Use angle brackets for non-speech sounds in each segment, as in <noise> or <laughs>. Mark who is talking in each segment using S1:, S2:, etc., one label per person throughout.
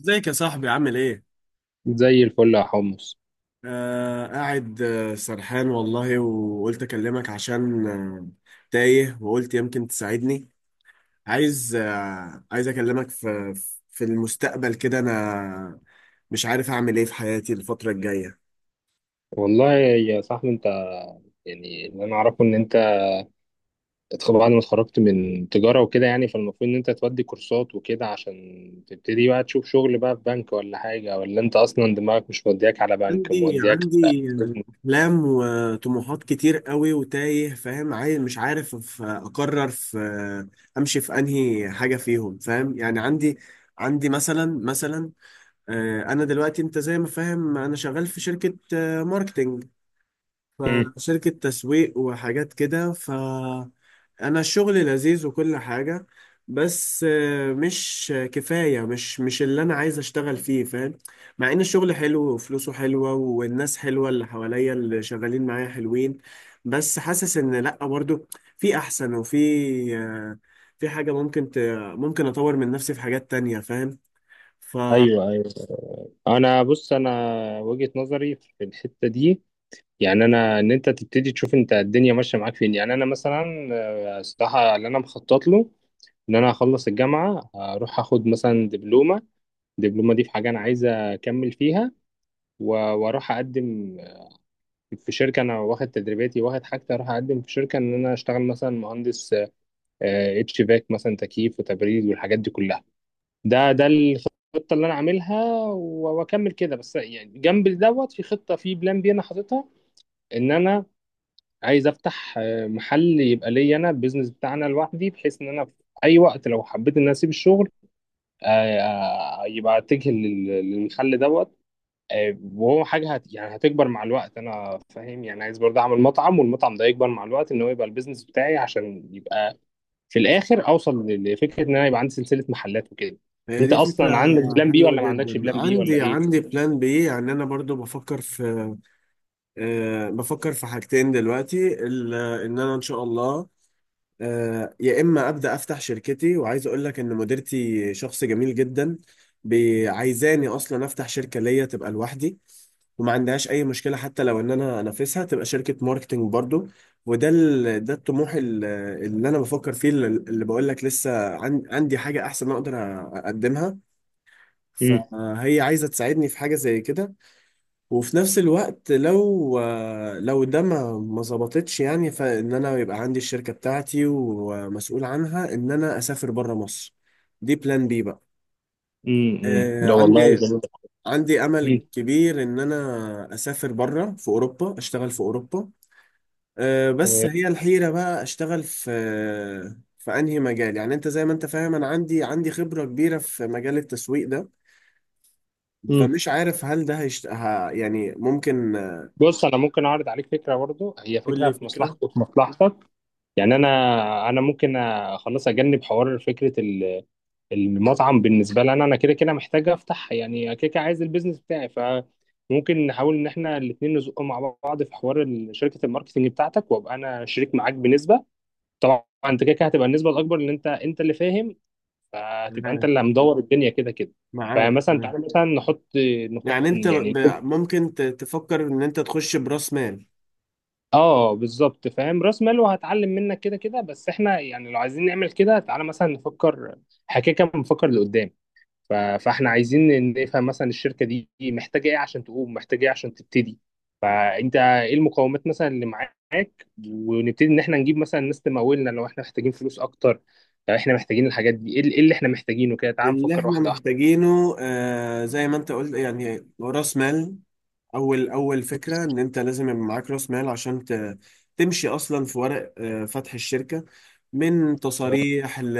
S1: ازيك يا صاحبي عامل ايه؟
S2: زي الفل يا حمص.
S1: آه، قاعد. سرحان والله وقلت اكلمك عشان تايه وقلت يمكن تساعدني. عايز، عايز اكلمك في المستقبل كده. انا مش عارف اعمل ايه في حياتي الفترة الجاية.
S2: والله يا صاحبي انت، يعني اللي انا اعرفه ان انت بعد ما اتخرجت من تجاره وكده، يعني فالمفروض ان انت تودي كورسات وكده عشان تبتدي بقى تشوف شغل بقى في بنك ولا حاجه، ولا انت اصلا دماغك مش مودياك على بنك،
S1: عندي
S2: مودياك على
S1: عندي
S2: business؟
S1: احلام وطموحات كتير قوي وتايه، فاهم؟ عايز، مش عارف اقرر في، امشي في انهي حاجة فيهم. فاهم يعني؟ عندي مثلا، انا دلوقتي، انت زي ما فاهم، انا شغال في شركة ماركتينج،
S2: مم.
S1: فشركة تسويق وحاجات كده. ف- انا الشغل لذيذ وكل حاجة، بس مش كفاية، مش اللي انا عايز اشتغل فيه، فاهم؟ مع ان الشغل حلو وفلوسه حلوة والناس حلوة، اللي حواليا اللي شغالين معايا حلوين، بس حاسس ان لا، برضو في احسن، وفي آه، في حاجة ممكن اطور من نفسي في حاجات تانية، فاهم؟ ف-
S2: ايوه ايوه، انا بص، انا وجهه نظري في الحته دي، يعني انا ان انت تبتدي تشوف انت الدنيا ماشيه معاك فين. يعني انا مثلا، الصراحه اللي انا مخطط له ان انا اخلص الجامعه اروح اخد مثلا دبلومه. الدبلومه دي في حاجه انا عايز اكمل فيها، واروح اقدم في شركه انا واخد تدريباتي واخد حاجتي، اروح اقدم في شركه ان انا اشتغل مثلا مهندس اتش فاك، مثلا تكييف وتبريد والحاجات دي كلها. ده الخطه اللي انا عاملها، واكمل كده. بس يعني جنب دوت في خطه، في بلان بي انا حاططها ان انا عايز افتح محل يبقى ليا انا، البيزنس بتاعنا لوحدي، بحيث ان انا في اي وقت لو حبيت ان انا اسيب الشغل، يبقى اتجه للمحل دوت. وهو حاجه يعني هتكبر مع الوقت انا فاهم، يعني عايز برضه اعمل مطعم والمطعم ده يكبر مع الوقت، ان هو يبقى البيزنس بتاعي عشان يبقى في الاخر اوصل لفكره ان انا يبقى عندي سلسله محلات وكده.
S1: هي
S2: انت
S1: دي فكرة
S2: اصلا عندك بلان بي
S1: حلوة
S2: ولا ما عندكش
S1: جدا.
S2: بلان بي ولا
S1: عندي
S2: ايه؟
S1: عندي بلان بي، يعني أنا برضو بفكر في، بفكر في حاجتين دلوقتي. إن أنا إن شاء الله، يا إما أبدأ أفتح شركتي. وعايز أقول لك إن مديرتي شخص جميل جدا، عايزاني أصلا أفتح شركة ليا تبقى لوحدي، وما عندهاش اي مشكله حتى لو ان انا انافسها، تبقى شركه ماركتنج برضو. ده الطموح اللي انا بفكر فيه، اللي بقول لك لسه عندي حاجه احسن اقدر اقدمها،
S2: امم.
S1: فهي عايزة تساعدني في حاجة زي كده. وفي نفس الوقت، لو ده ما ظبطتش يعني، فإن أنا يبقى عندي الشركة بتاعتي ومسؤول عنها، إن أنا أسافر بره مصر. دي بلان بي بقى.
S2: امم،
S1: آه،
S2: لا والله
S1: عندي
S2: جميل.
S1: عندي
S2: مم.
S1: أمل كبير إن أنا أسافر بره في أوروبا، أشتغل في أوروبا. بس
S2: تمام.
S1: هي الحيرة بقى، أشتغل في في أنهي مجال؟ يعني أنت زي ما أنت فاهم، أنا عندي خبرة كبيرة في مجال التسويق ده.
S2: مم.
S1: فمش عارف هل ده يعني ممكن
S2: بص انا ممكن اعرض عليك فكره برضه، هي
S1: قول
S2: فكره
S1: لي
S2: في
S1: فكرة.
S2: مصلحتك وفي مصلحتك. يعني انا ممكن خلاص، اجنب حوار فكره المطعم. بالنسبه لي انا، انا كده كده محتاج افتح، يعني كده كده عايز البيزنس بتاعي. فممكن نحاول ان احنا الاثنين نزق مع بعض في حوار شركه الماركتنج بتاعتك، وابقى انا شريك معاك بنسبه. طبعا انت كده كده هتبقى النسبه الاكبر لان انت اللي فاهم، فهتبقى انت
S1: معاك،
S2: اللي مدور الدنيا كده كده. فمثلا
S1: تمام.
S2: تعالى مثلا نحط،
S1: يعني انت
S2: يعني
S1: ممكن تفكر ان انت تخش براس مال.
S2: اه بالظبط فاهم، راس مال، وهتعلم منك كده كده. بس احنا يعني لو عايزين نعمل كده، تعالى مثلا نفكر حكايه، كده كده بنفكر لقدام. فاحنا عايزين نفهم مثلا الشركه دي محتاجه ايه عشان تقوم، محتاجه ايه عشان تبتدي. فانت ايه المقومات مثلا اللي معاك، ونبتدي ان احنا نجيب مثلا ناس تمولنا لو احنا محتاجين فلوس اكتر، لو احنا محتاجين الحاجات دي. ايه اللي إيه اللي احنا محتاجينه؟ كده تعال
S1: اللي
S2: نفكر
S1: احنا
S2: واحده واحده.
S1: محتاجينه، آه، زي ما انت قلت يعني، راس مال. اول فكره ان انت لازم يبقى معاك راس مال عشان تمشي اصلا في ورق فتح الشركه، من تصاريح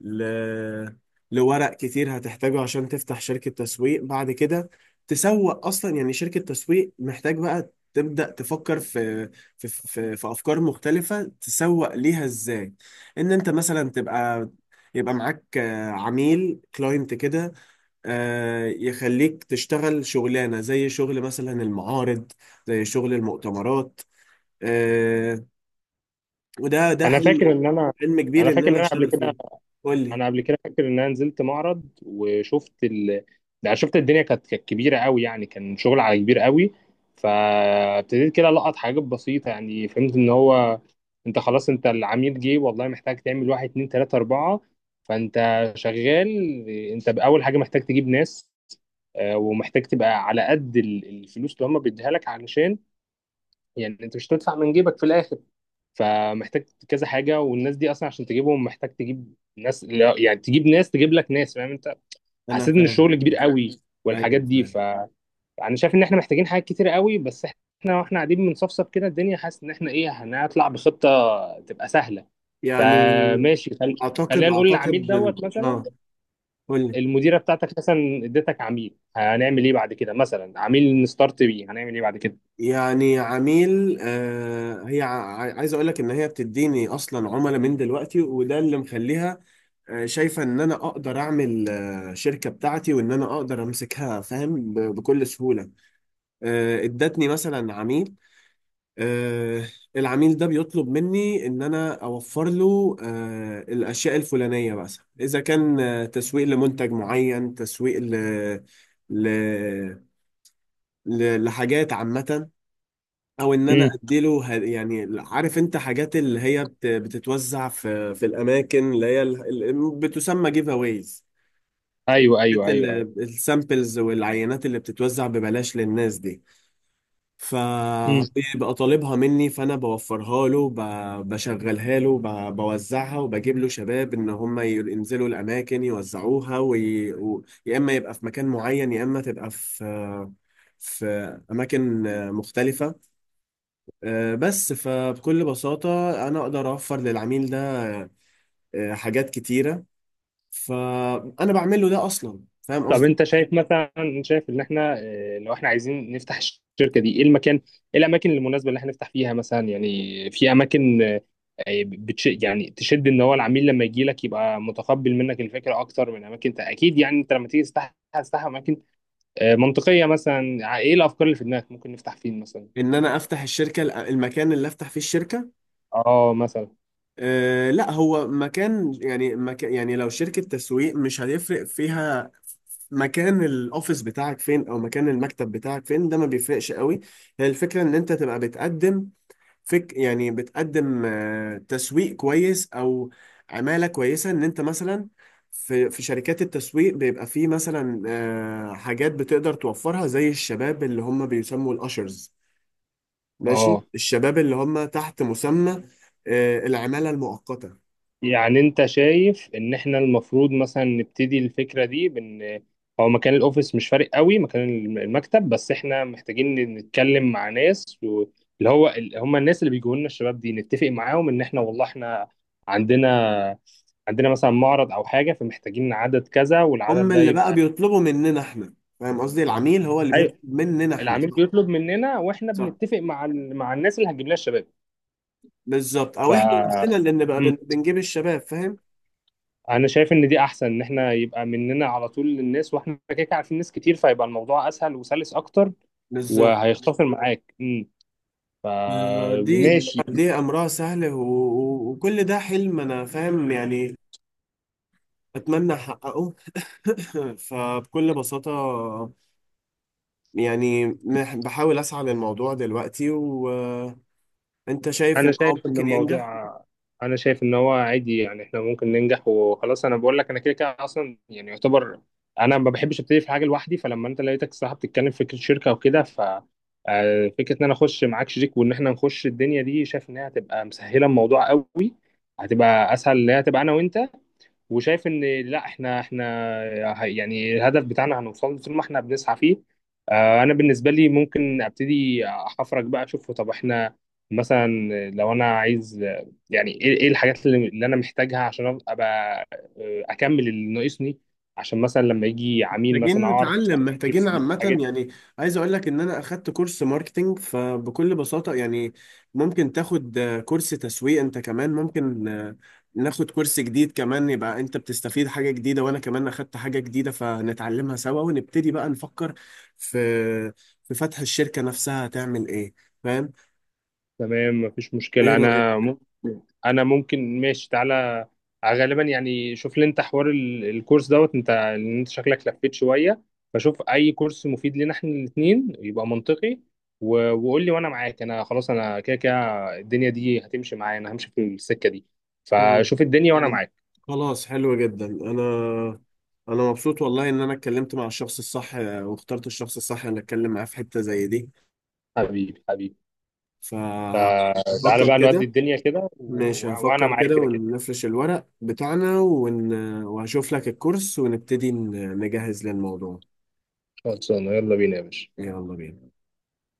S1: ل... لورق كتير هتحتاجه عشان تفتح شركه تسويق. بعد كده تسوق اصلا، يعني شركه تسويق، محتاج بقى تبدأ تفكر في في في افكار مختلفه، تسوق ليها ازاي. ان انت مثلا تبقى، يبقى معاك عميل، كلاينت كده، يخليك تشتغل شغلانة زي شغل مثلا المعارض، زي شغل المؤتمرات. آه، وده
S2: انا
S1: حلم،
S2: فاكر ان انا،
S1: حلم كبير
S2: انا
S1: ان
S2: فاكر ان
S1: انا
S2: انا قبل
S1: اشتغل
S2: كده،
S1: فيه. قول لي.
S2: انا قبل كده فاكر ان انا نزلت معرض وشفت يعني شفت الدنيا كانت كبيره قوي، يعني كان شغل على كبير قوي. فابتديت كده لقط حاجات بسيطه، يعني فهمت ان هو انت خلاص، انت العميل جه والله، محتاج تعمل واحد اتنين تلاته اربعه. فانت شغال، انت باول حاجه محتاج تجيب ناس، ومحتاج تبقى على قد الفلوس اللي هم بيديها لك علشان يعني انت مش هتدفع من جيبك في الاخر. فمحتاج كذا حاجه، والناس دي اصلا عشان تجيبهم محتاج تجيب ناس لا، يعني تجيب ناس تجيب لك ناس فاهم انت.
S1: انا
S2: حسيت ان الشغل
S1: فاهم،
S2: كبير قوي والحاجات
S1: ايوه
S2: دي،
S1: فاهم.
S2: فانا شايف ان احنا محتاجين حاجات كتير قوي، بس احنا واحنا قاعدين بنصفصف كده الدنيا حاسس ان احنا ايه هنطلع بخطه تبقى سهله.
S1: يعني
S2: فماشي،
S1: اعتقد
S2: خلينا نقول العميل
S1: اعتقد
S2: دوت مثلا.
S1: اه، قول لي.
S2: المديره بتاعتك مثلا اديتك عميل، هنعمل ايه بعد كده؟ مثلا عميل نستارت بيه هنعمل ايه بعد كده؟
S1: يعني عميل، آه، هي عايز اقول لك ان هي بتديني اصلا عملاء من دلوقتي، وده اللي مخليها شايفة ان انا اقدر اعمل شركة بتاعتي، وان انا اقدر امسكها، فاهم؟ بكل سهولة. ادتني مثلا عميل. آه، العميل ده بيطلب مني ان انا اوفر له الاشياء الفلانية مثلا. اذا كان تسويق لمنتج معين، تسويق ل... لحاجات عامة، او ان انا
S2: امم.
S1: اديله يعني عارف انت، حاجات اللي هي بتتوزع في في الاماكن اللي هي بتسمى جيف اويز.
S2: ايوه ايوه
S1: كانت
S2: ايوه
S1: السامبلز والعينات اللي بتتوزع ببلاش للناس دي،
S2: ايوه.
S1: فبيبقى طالبها مني، فانا بوفرها له، بشغلها له، بوزعها، وبجيب له شباب ان هم ينزلوا الاماكن يوزعوها، يا اما يبقى في مكان معين، يا اما تبقى في في اماكن مختلفه. بس فبكل بساطه انا اقدر اوفر للعميل ده حاجات كتيره. فانا بعمل له ده اصلا، فاهم
S2: طب
S1: قصدي؟
S2: انت شايف مثلا، شايف ان احنا لو احنا عايزين نفتح الشركه دي، ايه المكان؟ ايه الاماكن المناسبه اللي احنا نفتح فيها مثلا؟ يعني في اماكن يعني تشد ان هو العميل لما يجي لك يبقى متقبل منك الفكره اكتر من اماكن اكيد يعني انت لما تيجي تفتح هتفتح اماكن اه، منطقيه مثلا. ايه الافكار اللي في دماغك ممكن نفتح فين مثلا؟
S1: ان انا افتح الشركه، المكان اللي افتح فيه الشركه؟
S2: اه مثلا
S1: أه لا، هو مكان، يعني مكان، يعني لو شركه تسويق مش هيفرق فيها مكان الاوفيس بتاعك فين او مكان المكتب بتاعك فين، ده ما بيفرقش قوي. هي الفكره ان انت تبقى بتقدم، فك يعني بتقدم تسويق كويس، او عماله كويسه. ان انت مثلا، في في شركات التسويق بيبقى فيه مثلا حاجات بتقدر توفرها، زي الشباب اللي هم بيسموا الاشرز. ماشي،
S2: اه،
S1: الشباب اللي هم تحت مسمى العمالة المؤقتة.
S2: يعني انت شايف ان احنا المفروض مثلا نبتدي الفكرة دي بان هو مكان الاوفيس مش فارق قوي، مكان المكتب. بس احنا محتاجين نتكلم مع ناس اللي هو هم الناس اللي بيجوا لنا الشباب دي، نتفق معاهم ان احنا والله احنا عندنا، مثلا معرض او حاجة فمحتاجين عدد كذا والعدد
S1: هم
S2: ده
S1: اللي بقى
S2: يبقى
S1: بيطلبوا مننا احنا، فاهم قصدي؟ العميل هو اللي بيطلب
S2: ايوه.
S1: مننا احنا،
S2: العميل
S1: صح؟
S2: بيطلب مننا واحنا
S1: صح،
S2: بنتفق مع مع الناس اللي هتجيب لنا الشباب.
S1: بالظبط. او احنا نفسنا
S2: ف
S1: اللي بنبقى بنجيب الشباب، فاهم؟
S2: انا شايف ان دي احسن، ان احنا يبقى مننا على طول للناس، واحنا كده كده عارفين ناس كتير، فيبقى الموضوع اسهل وسلس اكتر
S1: بالظبط
S2: وهيختصر معاك
S1: آه، دي
S2: فماشي.
S1: دي امرها سهل، وكل ده حلم، انا فاهم يعني، اتمنى احققه. <laughs> فبكل بساطة يعني، بحاول اسعى للموضوع دلوقتي. وانت شايف
S2: انا
S1: ان هو
S2: شايف ان
S1: ممكن
S2: الموضوع،
S1: ينجح؟
S2: انا شايف ان هو عادي، يعني احنا ممكن ننجح وخلاص. انا بقول لك انا كده كده اصلا يعني يعتبر انا ما بحبش ابتدي في حاجه لوحدي، فلما انت لقيتك الصراحه بتتكلم في فكره شركه وكده ف، فكره ان انا اخش معاك شريك وان احنا نخش الدنيا دي، شايف انها هتبقى مسهله الموضوع قوي. هتبقى اسهل، اللي هي هتبقى انا وانت. وشايف ان لا، احنا يعني الهدف بتاعنا هنوصل له طول ما احنا بنسعى فيه. انا بالنسبه لي ممكن ابتدي احفرك بقى اشوف، طب احنا مثلا لو انا عايز، يعني ايه إيه الحاجات اللي انا محتاجها عشان ابقى اكمل اللي ناقصني، عشان مثلا لما يجي عميل مثلا
S1: محتاجين
S2: اعرف
S1: نتعلم، محتاجين
S2: أجيب
S1: عامة
S2: الحاجات.
S1: يعني، عايز اقول لك ان انا اخدت كورس ماركتينج. فبكل بساطة يعني ممكن تاخد كورس تسويق انت كمان. ممكن ناخد كورس جديد كمان، يبقى انت بتستفيد حاجة جديدة، وانا كمان اخدت حاجة جديدة، فنتعلمها سوا، ونبتدي بقى نفكر في فتح الشركة نفسها هتعمل ايه. فاهم؟
S2: تمام مفيش
S1: ايه
S2: مشكلة،
S1: رأيك؟
S2: أنا ممكن ماشي تعالى. غالبا يعني شوف لي أنت حوار الكورس دوت أنت، لأن أنت شكلك لفيت شوية. فشوف أي كورس مفيد لنا إحنا الاتنين يبقى منطقي، وقول لي وأنا معاك. أنا خلاص أنا كده كده الدنيا دي هتمشي معايا، أنا همشي في السكة دي.
S1: تمام.
S2: فشوف الدنيا وأنا جميل معاك.
S1: خلاص، حلو جدا. انا مبسوط والله ان انا اتكلمت مع الشخص الصح، واخترت الشخص الصح ان اتكلم معاه في حتة زي دي.
S2: حبيبي حبيبي. فتعالى
S1: فهفكر
S2: بقى نودي
S1: كده،
S2: الدنيا كده
S1: ماشي،
S2: وأنا
S1: هفكر
S2: معاك
S1: كده
S2: كده كده.
S1: ونفرش الورق بتاعنا وهشوف لك الكورس، ونبتدي نجهز للموضوع.
S2: خلصانة، يلا بينا يا باشا.
S1: يلا بينا.